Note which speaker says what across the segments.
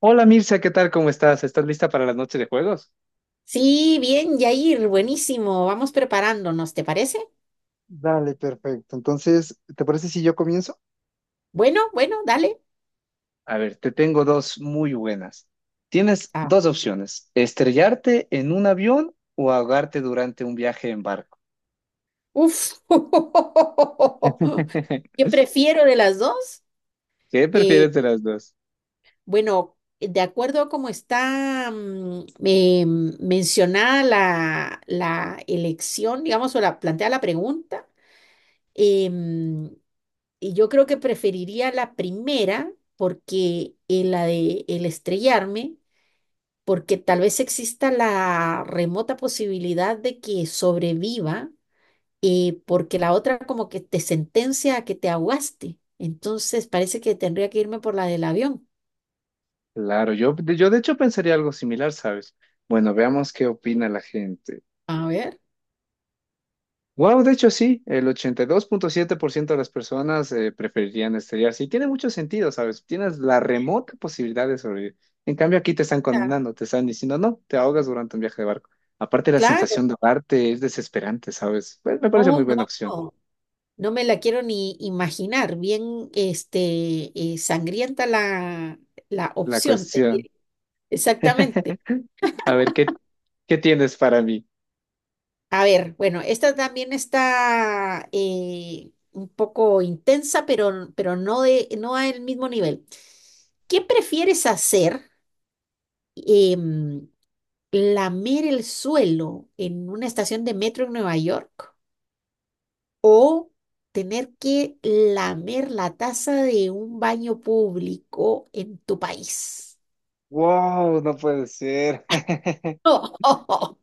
Speaker 1: Hola Mirza, ¿qué tal? ¿Cómo estás? ¿Estás lista para la noche de juegos?
Speaker 2: Sí, bien, Yair, buenísimo. Vamos preparándonos, ¿te parece?
Speaker 1: Dale, perfecto. Entonces, ¿te parece si yo comienzo?
Speaker 2: Bueno, bueno, dale.
Speaker 1: A ver, te tengo dos muy buenas. Tienes
Speaker 2: Ah,
Speaker 1: dos opciones, estrellarte en un avión o ahogarte durante un viaje en barco.
Speaker 2: uf. ¿Qué prefiero de las dos?
Speaker 1: ¿Qué
Speaker 2: Eh,
Speaker 1: prefieres de las dos?
Speaker 2: bueno, de acuerdo a cómo está mencionada la elección, digamos, o la plantea la pregunta, em, y yo creo que preferiría la primera porque la de el estrellarme, porque tal vez exista la remota posibilidad de que sobreviva, porque la otra como que te sentencia a que te ahogaste. Entonces parece que tendría que irme por la del avión.
Speaker 1: Claro, yo de hecho pensaría algo similar, ¿sabes? Bueno, veamos qué opina la gente.
Speaker 2: A ver.
Speaker 1: Wow, de hecho sí, el 82.7% de las personas preferirían estrellarse y tiene mucho sentido, ¿sabes? Tienes la remota posibilidad de sobrevivir. En cambio aquí te están
Speaker 2: Ah.
Speaker 1: condenando, te están diciendo, no, te ahogas durante un viaje de barco. Aparte la
Speaker 2: Claro.
Speaker 1: sensación de ahogarte es desesperante, ¿sabes? Pues, me parece muy
Speaker 2: Oh, no,
Speaker 1: buena opción.
Speaker 2: no. No me la quiero ni imaginar. Bien, este, sangrienta la
Speaker 1: La
Speaker 2: opción, te
Speaker 1: cuestión.
Speaker 2: diré. Exactamente.
Speaker 1: A ver, ¿qué tienes para mí?
Speaker 2: A ver, bueno, esta también está un poco intensa, pero no al mismo nivel. ¿Qué prefieres hacer? Em, ¿lamer el suelo en una estación de metro en Nueva York o tener que lamer la taza de un baño público en tu país?
Speaker 1: Wow, no puede ser.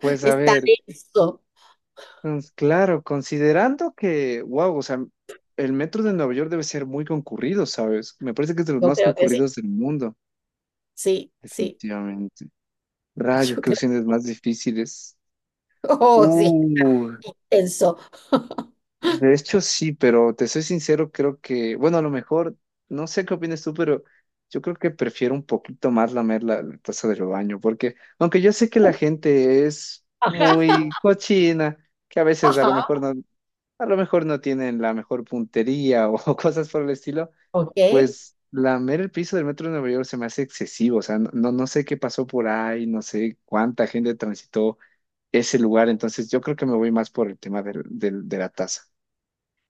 Speaker 1: Pues a
Speaker 2: Está
Speaker 1: ver.
Speaker 2: denso.
Speaker 1: Pues, claro, considerando que, wow, o sea, el metro de Nueva York debe ser muy concurrido, ¿sabes? Me parece que es de los
Speaker 2: Yo
Speaker 1: más
Speaker 2: creo que sí.
Speaker 1: concurridos del mundo,
Speaker 2: Sí, sí.
Speaker 1: definitivamente. Rayos,
Speaker 2: Yo
Speaker 1: qué
Speaker 2: creo,
Speaker 1: opciones más difíciles.
Speaker 2: oh, sí,
Speaker 1: Uh,
Speaker 2: tenso.
Speaker 1: de hecho sí, pero te soy sincero, creo que, bueno, a lo mejor, no sé qué opinas tú, pero yo creo que prefiero un poquito más lamer la taza del baño, porque aunque yo sé que la gente es
Speaker 2: Ajá,
Speaker 1: muy cochina, que a veces
Speaker 2: ajá.
Speaker 1: a lo mejor no tienen la mejor puntería o cosas por el estilo,
Speaker 2: Ok.
Speaker 1: pues lamer el piso del metro de Nueva York se me hace excesivo, o sea, no, no sé qué pasó por ahí, no sé cuánta gente transitó ese lugar, entonces yo creo que me voy más por el tema de la taza.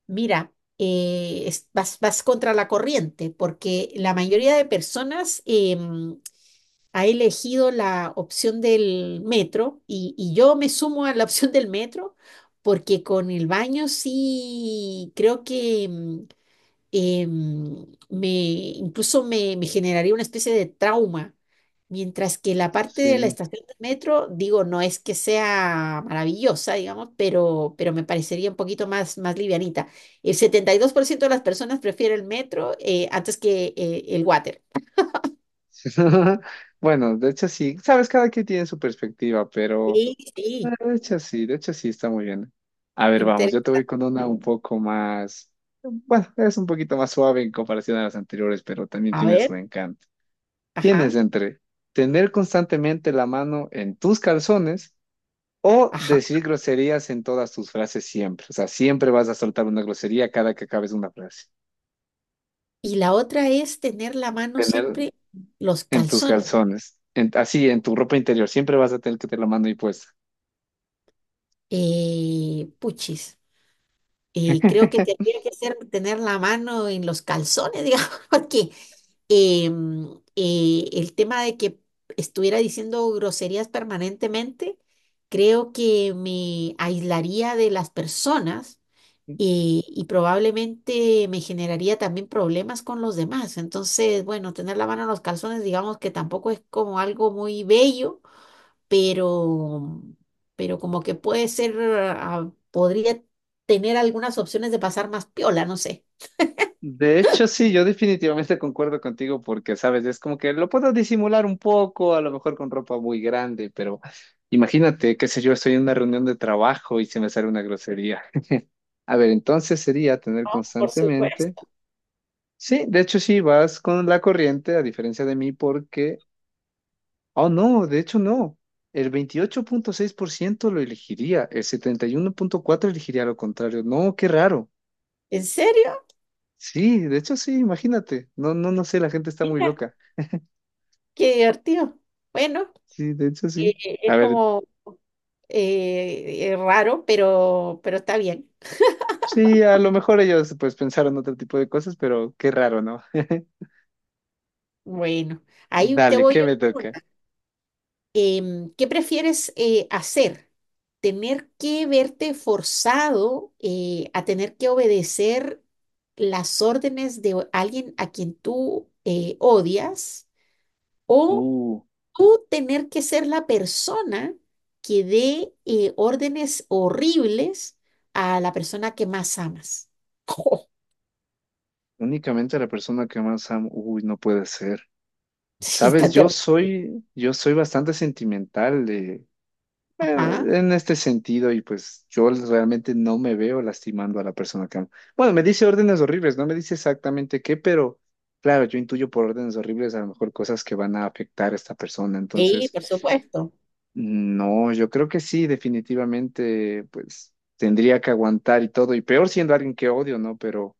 Speaker 2: Mira, vas contra la corriente porque la mayoría de personas ha elegido la opción del metro y yo me sumo a la opción del metro porque con el baño sí creo que, eh, incluso me generaría una especie de trauma, mientras que la parte de la
Speaker 1: Sí.
Speaker 2: estación de metro, digo, no es que sea maravillosa, digamos, pero me parecería un poquito más livianita. El 72% de las personas prefiere el metro antes que el water.
Speaker 1: Bueno, de hecho sí, sabes, cada quien tiene su perspectiva, pero
Speaker 2: Sí, sí,
Speaker 1: de hecho sí está muy bien. A ver,
Speaker 2: inter-
Speaker 1: vamos, yo te voy con una un poco más, bueno, es un poquito más suave en comparación a las anteriores, pero también
Speaker 2: A
Speaker 1: tiene su
Speaker 2: ver,
Speaker 1: encanto. Tienes
Speaker 2: ajá,
Speaker 1: entre tener constantemente la mano en tus calzones o
Speaker 2: ajá.
Speaker 1: decir groserías en todas tus frases siempre. O sea, siempre vas a soltar una grosería cada que acabes una frase.
Speaker 2: Y la otra es tener la mano
Speaker 1: Tener
Speaker 2: siempre en los
Speaker 1: en tus
Speaker 2: calzones.
Speaker 1: calzones, así, en tu ropa interior, siempre vas a tener que tener la mano ahí puesta.
Speaker 2: Puchis. Y creo que tendría que ser tener la mano en los calzones, digamos, porque el tema de que estuviera diciendo groserías permanentemente, creo que me aislaría de las personas y probablemente me generaría también problemas con los demás. Entonces, bueno, tener la mano en los calzones, digamos que tampoco es como algo muy bello, pero, pero como que puede ser, ah, podría tener algunas opciones de pasar más piola, no sé.
Speaker 1: De hecho, sí, yo definitivamente concuerdo contigo porque, sabes, es como que lo puedo disimular un poco, a lo mejor con ropa muy grande, pero imagínate, qué sé yo, estoy en una reunión de trabajo y se me sale una grosería. A ver, entonces sería tener
Speaker 2: Por supuesto.
Speaker 1: constantemente. Sí, de hecho sí, vas con la corriente, a diferencia de mí, porque... Oh, no, de hecho no. El 28.6% lo elegiría, el 71.4% elegiría lo contrario. No, qué raro.
Speaker 2: ¿En serio?
Speaker 1: Sí, de hecho sí, imagínate. No, no, no sé, la gente está muy
Speaker 2: Mira,
Speaker 1: loca.
Speaker 2: qué divertido. Bueno,
Speaker 1: Sí, de hecho sí. A
Speaker 2: es
Speaker 1: ver,
Speaker 2: como raro, pero está bien.
Speaker 1: sí, a lo mejor ellos pues pensaron otro tipo de cosas, pero qué raro, ¿no?
Speaker 2: Bueno, ahí te
Speaker 1: Dale,
Speaker 2: voy
Speaker 1: ¿qué
Speaker 2: yo.
Speaker 1: me toca?
Speaker 2: ¿Qué prefieres hacer? ¿Tener que verte forzado a tener que obedecer las órdenes de alguien a quien tú odias? ¿O
Speaker 1: Uh,
Speaker 2: tú tener que ser la persona que dé órdenes horribles a la persona que más amas?
Speaker 1: únicamente a la persona que más amo. Uy, no puede ser.
Speaker 2: Sí,
Speaker 1: Sabes,
Speaker 2: está
Speaker 1: yo
Speaker 2: terrible.
Speaker 1: soy, yo soy bastante sentimental
Speaker 2: Ajá.
Speaker 1: en este sentido y pues yo realmente no me veo lastimando a la persona que amo. Bueno, me dice órdenes horribles, no me dice exactamente qué, pero claro, yo intuyo por órdenes horribles a lo mejor cosas que van a afectar a esta persona.
Speaker 2: Sí,
Speaker 1: Entonces,
Speaker 2: por supuesto.
Speaker 1: no, yo creo que sí, definitivamente, pues tendría que aguantar y todo, y peor siendo alguien que odio, ¿no? Pero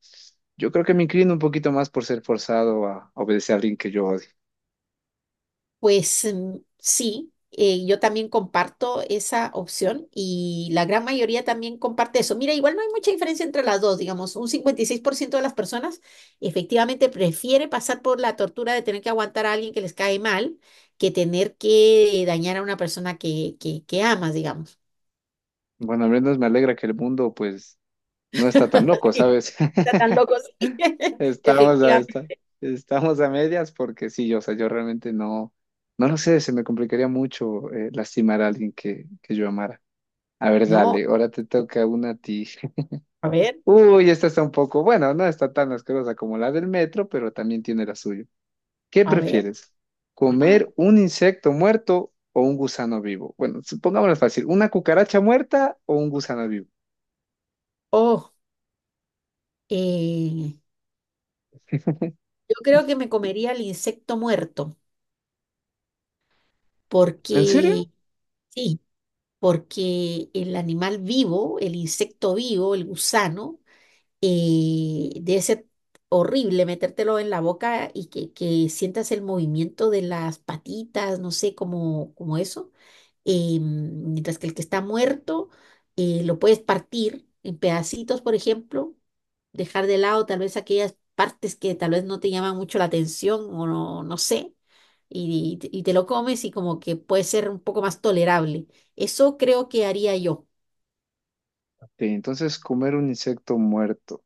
Speaker 1: yo creo que me inclino un poquito más por ser forzado a obedecer a alguien que yo odio.
Speaker 2: Pues sí, yo también comparto esa opción y la gran mayoría también comparte eso. Mira, igual no hay mucha diferencia entre las dos, digamos, un 56% de las personas efectivamente prefiere pasar por la tortura de tener que aguantar a alguien que les cae mal que tener que dañar a una persona que amas, digamos.
Speaker 1: Bueno, al menos me alegra que el mundo, pues, no está tan loco, ¿sabes?
Speaker 2: Está tan loco, sí.
Speaker 1: Estamos a, esta-
Speaker 2: Efectivamente.
Speaker 1: estamos a medias porque sí, yo, o sea, yo realmente no lo sé, se me complicaría mucho lastimar a alguien que yo amara. A ver,
Speaker 2: No,
Speaker 1: dale, ahora te toca una a ti.
Speaker 2: a ver,
Speaker 1: Uy, esta está un poco, bueno, no está tan asquerosa como la del metro, pero también tiene la suya. ¿Qué
Speaker 2: a ver.
Speaker 1: prefieres?
Speaker 2: Ajá.
Speaker 1: ¿Comer un insecto muerto o un gusano vivo? Bueno, supongámoslo fácil, ¿una cucaracha muerta o un gusano vivo?
Speaker 2: Oh, eh, yo creo que me comería el insecto muerto.
Speaker 1: ¿En serio?
Speaker 2: Porque, sí, porque el animal vivo, el insecto vivo, el gusano, debe ser horrible metértelo en la boca y que sientas el movimiento de las patitas, no sé, como eso. Mientras que el que está muerto, lo puedes partir en pedacitos, por ejemplo dejar de lado tal vez aquellas partes que tal vez no te llaman mucho la atención o no, no sé, y te lo comes y como que puede ser un poco más tolerable. Eso creo que haría yo.
Speaker 1: Este, entonces comer un insecto muerto.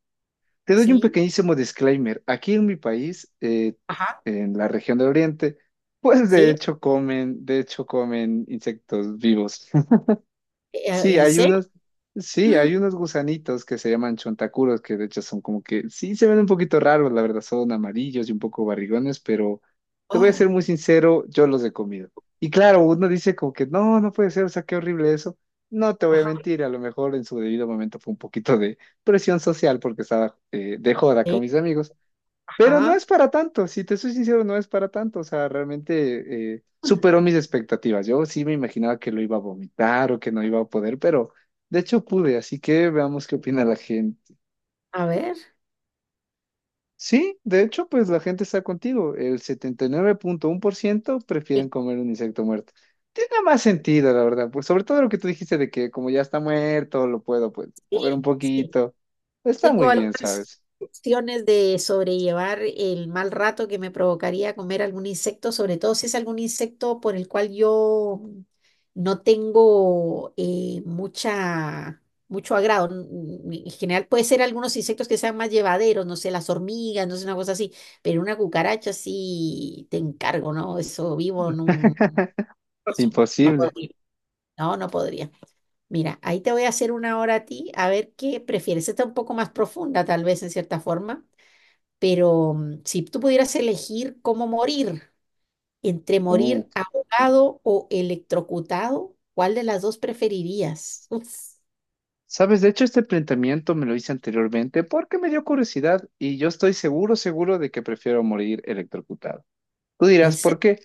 Speaker 1: Te doy un
Speaker 2: Sí,
Speaker 1: pequeñísimo disclaimer. Aquí en mi país,
Speaker 2: ajá.
Speaker 1: en la región del Oriente, pues
Speaker 2: ¿Sí?
Speaker 1: de hecho comen insectos vivos. Sí,
Speaker 2: ¿En
Speaker 1: hay
Speaker 2: serio?
Speaker 1: unos, sí, hay unos gusanitos que se llaman chontacuros, que de hecho son como que, sí, se ven un poquito raros, la verdad, son amarillos y un poco barrigones, pero te voy a ser
Speaker 2: Oh,
Speaker 1: muy sincero, yo los he comido. Y claro, uno dice como que, no, no puede ser, o sea, qué horrible eso. No te voy a
Speaker 2: ajá.
Speaker 1: mentir, a lo mejor en su debido momento fue un poquito de presión social porque estaba de joda con
Speaker 2: Sí,
Speaker 1: mis amigos, pero no
Speaker 2: ajá.
Speaker 1: es para tanto, si te soy sincero, no es para tanto. O sea, realmente superó mis expectativas. Yo sí me imaginaba que lo iba a vomitar o que no iba a poder, pero de hecho pude, así que veamos qué opina la gente.
Speaker 2: A ver.
Speaker 1: Sí, de hecho, pues la gente está contigo. El 79.1% prefieren comer un insecto muerto. Tiene más sentido, la verdad. Pues sobre todo lo que tú dijiste de que como ya está muerto, lo puedo pues
Speaker 2: Sí,
Speaker 1: mover un
Speaker 2: sí.
Speaker 1: poquito. Está muy
Speaker 2: Tengo
Speaker 1: bien,
Speaker 2: algunas
Speaker 1: ¿sabes?
Speaker 2: opciones de sobrellevar el mal rato que me provocaría comer algún insecto, sobre todo si es algún insecto por el cual yo no tengo mucho agrado. En general puede ser algunos insectos que sean más llevaderos, no sé, las hormigas, no sé, una cosa así, pero una cucaracha sí te encargo, ¿no? Eso vivo en un... No
Speaker 1: Imposible.
Speaker 2: podría. No, no podría. Mira, ahí te voy a hacer una hora a ti, a ver qué prefieres. Esta es un poco más profunda, tal vez en cierta forma, pero si tú pudieras elegir cómo morir, entre
Speaker 1: Uh.
Speaker 2: morir ahogado o electrocutado, ¿cuál de las dos preferirías? Uf,
Speaker 1: Sabes, de hecho este planteamiento me lo hice anteriormente porque me dio curiosidad y yo estoy seguro, seguro de que prefiero morir electrocutado. Tú dirás, ¿por
Speaker 2: ese,
Speaker 1: qué?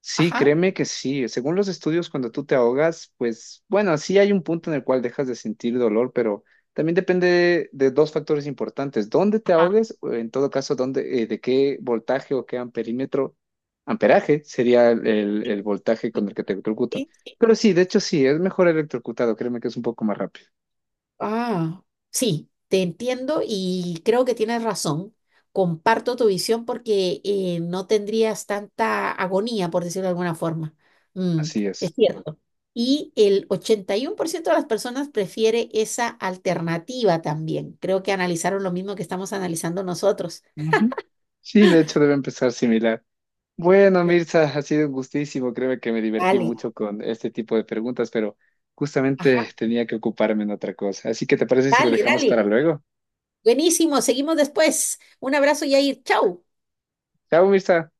Speaker 1: Sí,
Speaker 2: ajá,
Speaker 1: créeme que sí. Según los estudios, cuando tú te ahogas, pues bueno, sí hay un punto en el cual dejas de sentir dolor, pero también depende de, dos factores importantes. ¿Dónde te
Speaker 2: ajá,
Speaker 1: ahogues? O en todo caso, ¿dónde, de qué voltaje o qué amperímetro, amperaje sería el voltaje con el que te electrocutan?
Speaker 2: sí, sí.
Speaker 1: Pero sí, de hecho sí, es mejor electrocutado. Créeme que es un poco más rápido.
Speaker 2: Ah, sí, te entiendo y creo que tienes razón. Comparto tu visión porque no tendrías tanta agonía, por decirlo de alguna forma. Mm,
Speaker 1: Así
Speaker 2: es
Speaker 1: es.
Speaker 2: cierto. Y el 81% de las personas prefiere esa alternativa también. Creo que analizaron lo mismo que estamos analizando nosotros.
Speaker 1: Ujú. Sí, de hecho debe empezar similar. Bueno,
Speaker 2: Sí.
Speaker 1: Mirza, ha sido un gustísimo. Créeme que me divertí
Speaker 2: Dale,
Speaker 1: mucho con este tipo de preguntas, pero
Speaker 2: ajá,
Speaker 1: justamente tenía que ocuparme en otra cosa. Así que, ¿te parece si lo
Speaker 2: dale,
Speaker 1: dejamos para
Speaker 2: dale.
Speaker 1: luego?
Speaker 2: Buenísimo, seguimos después. Un abrazo, Yair. Chau.
Speaker 1: Chao, Mirza.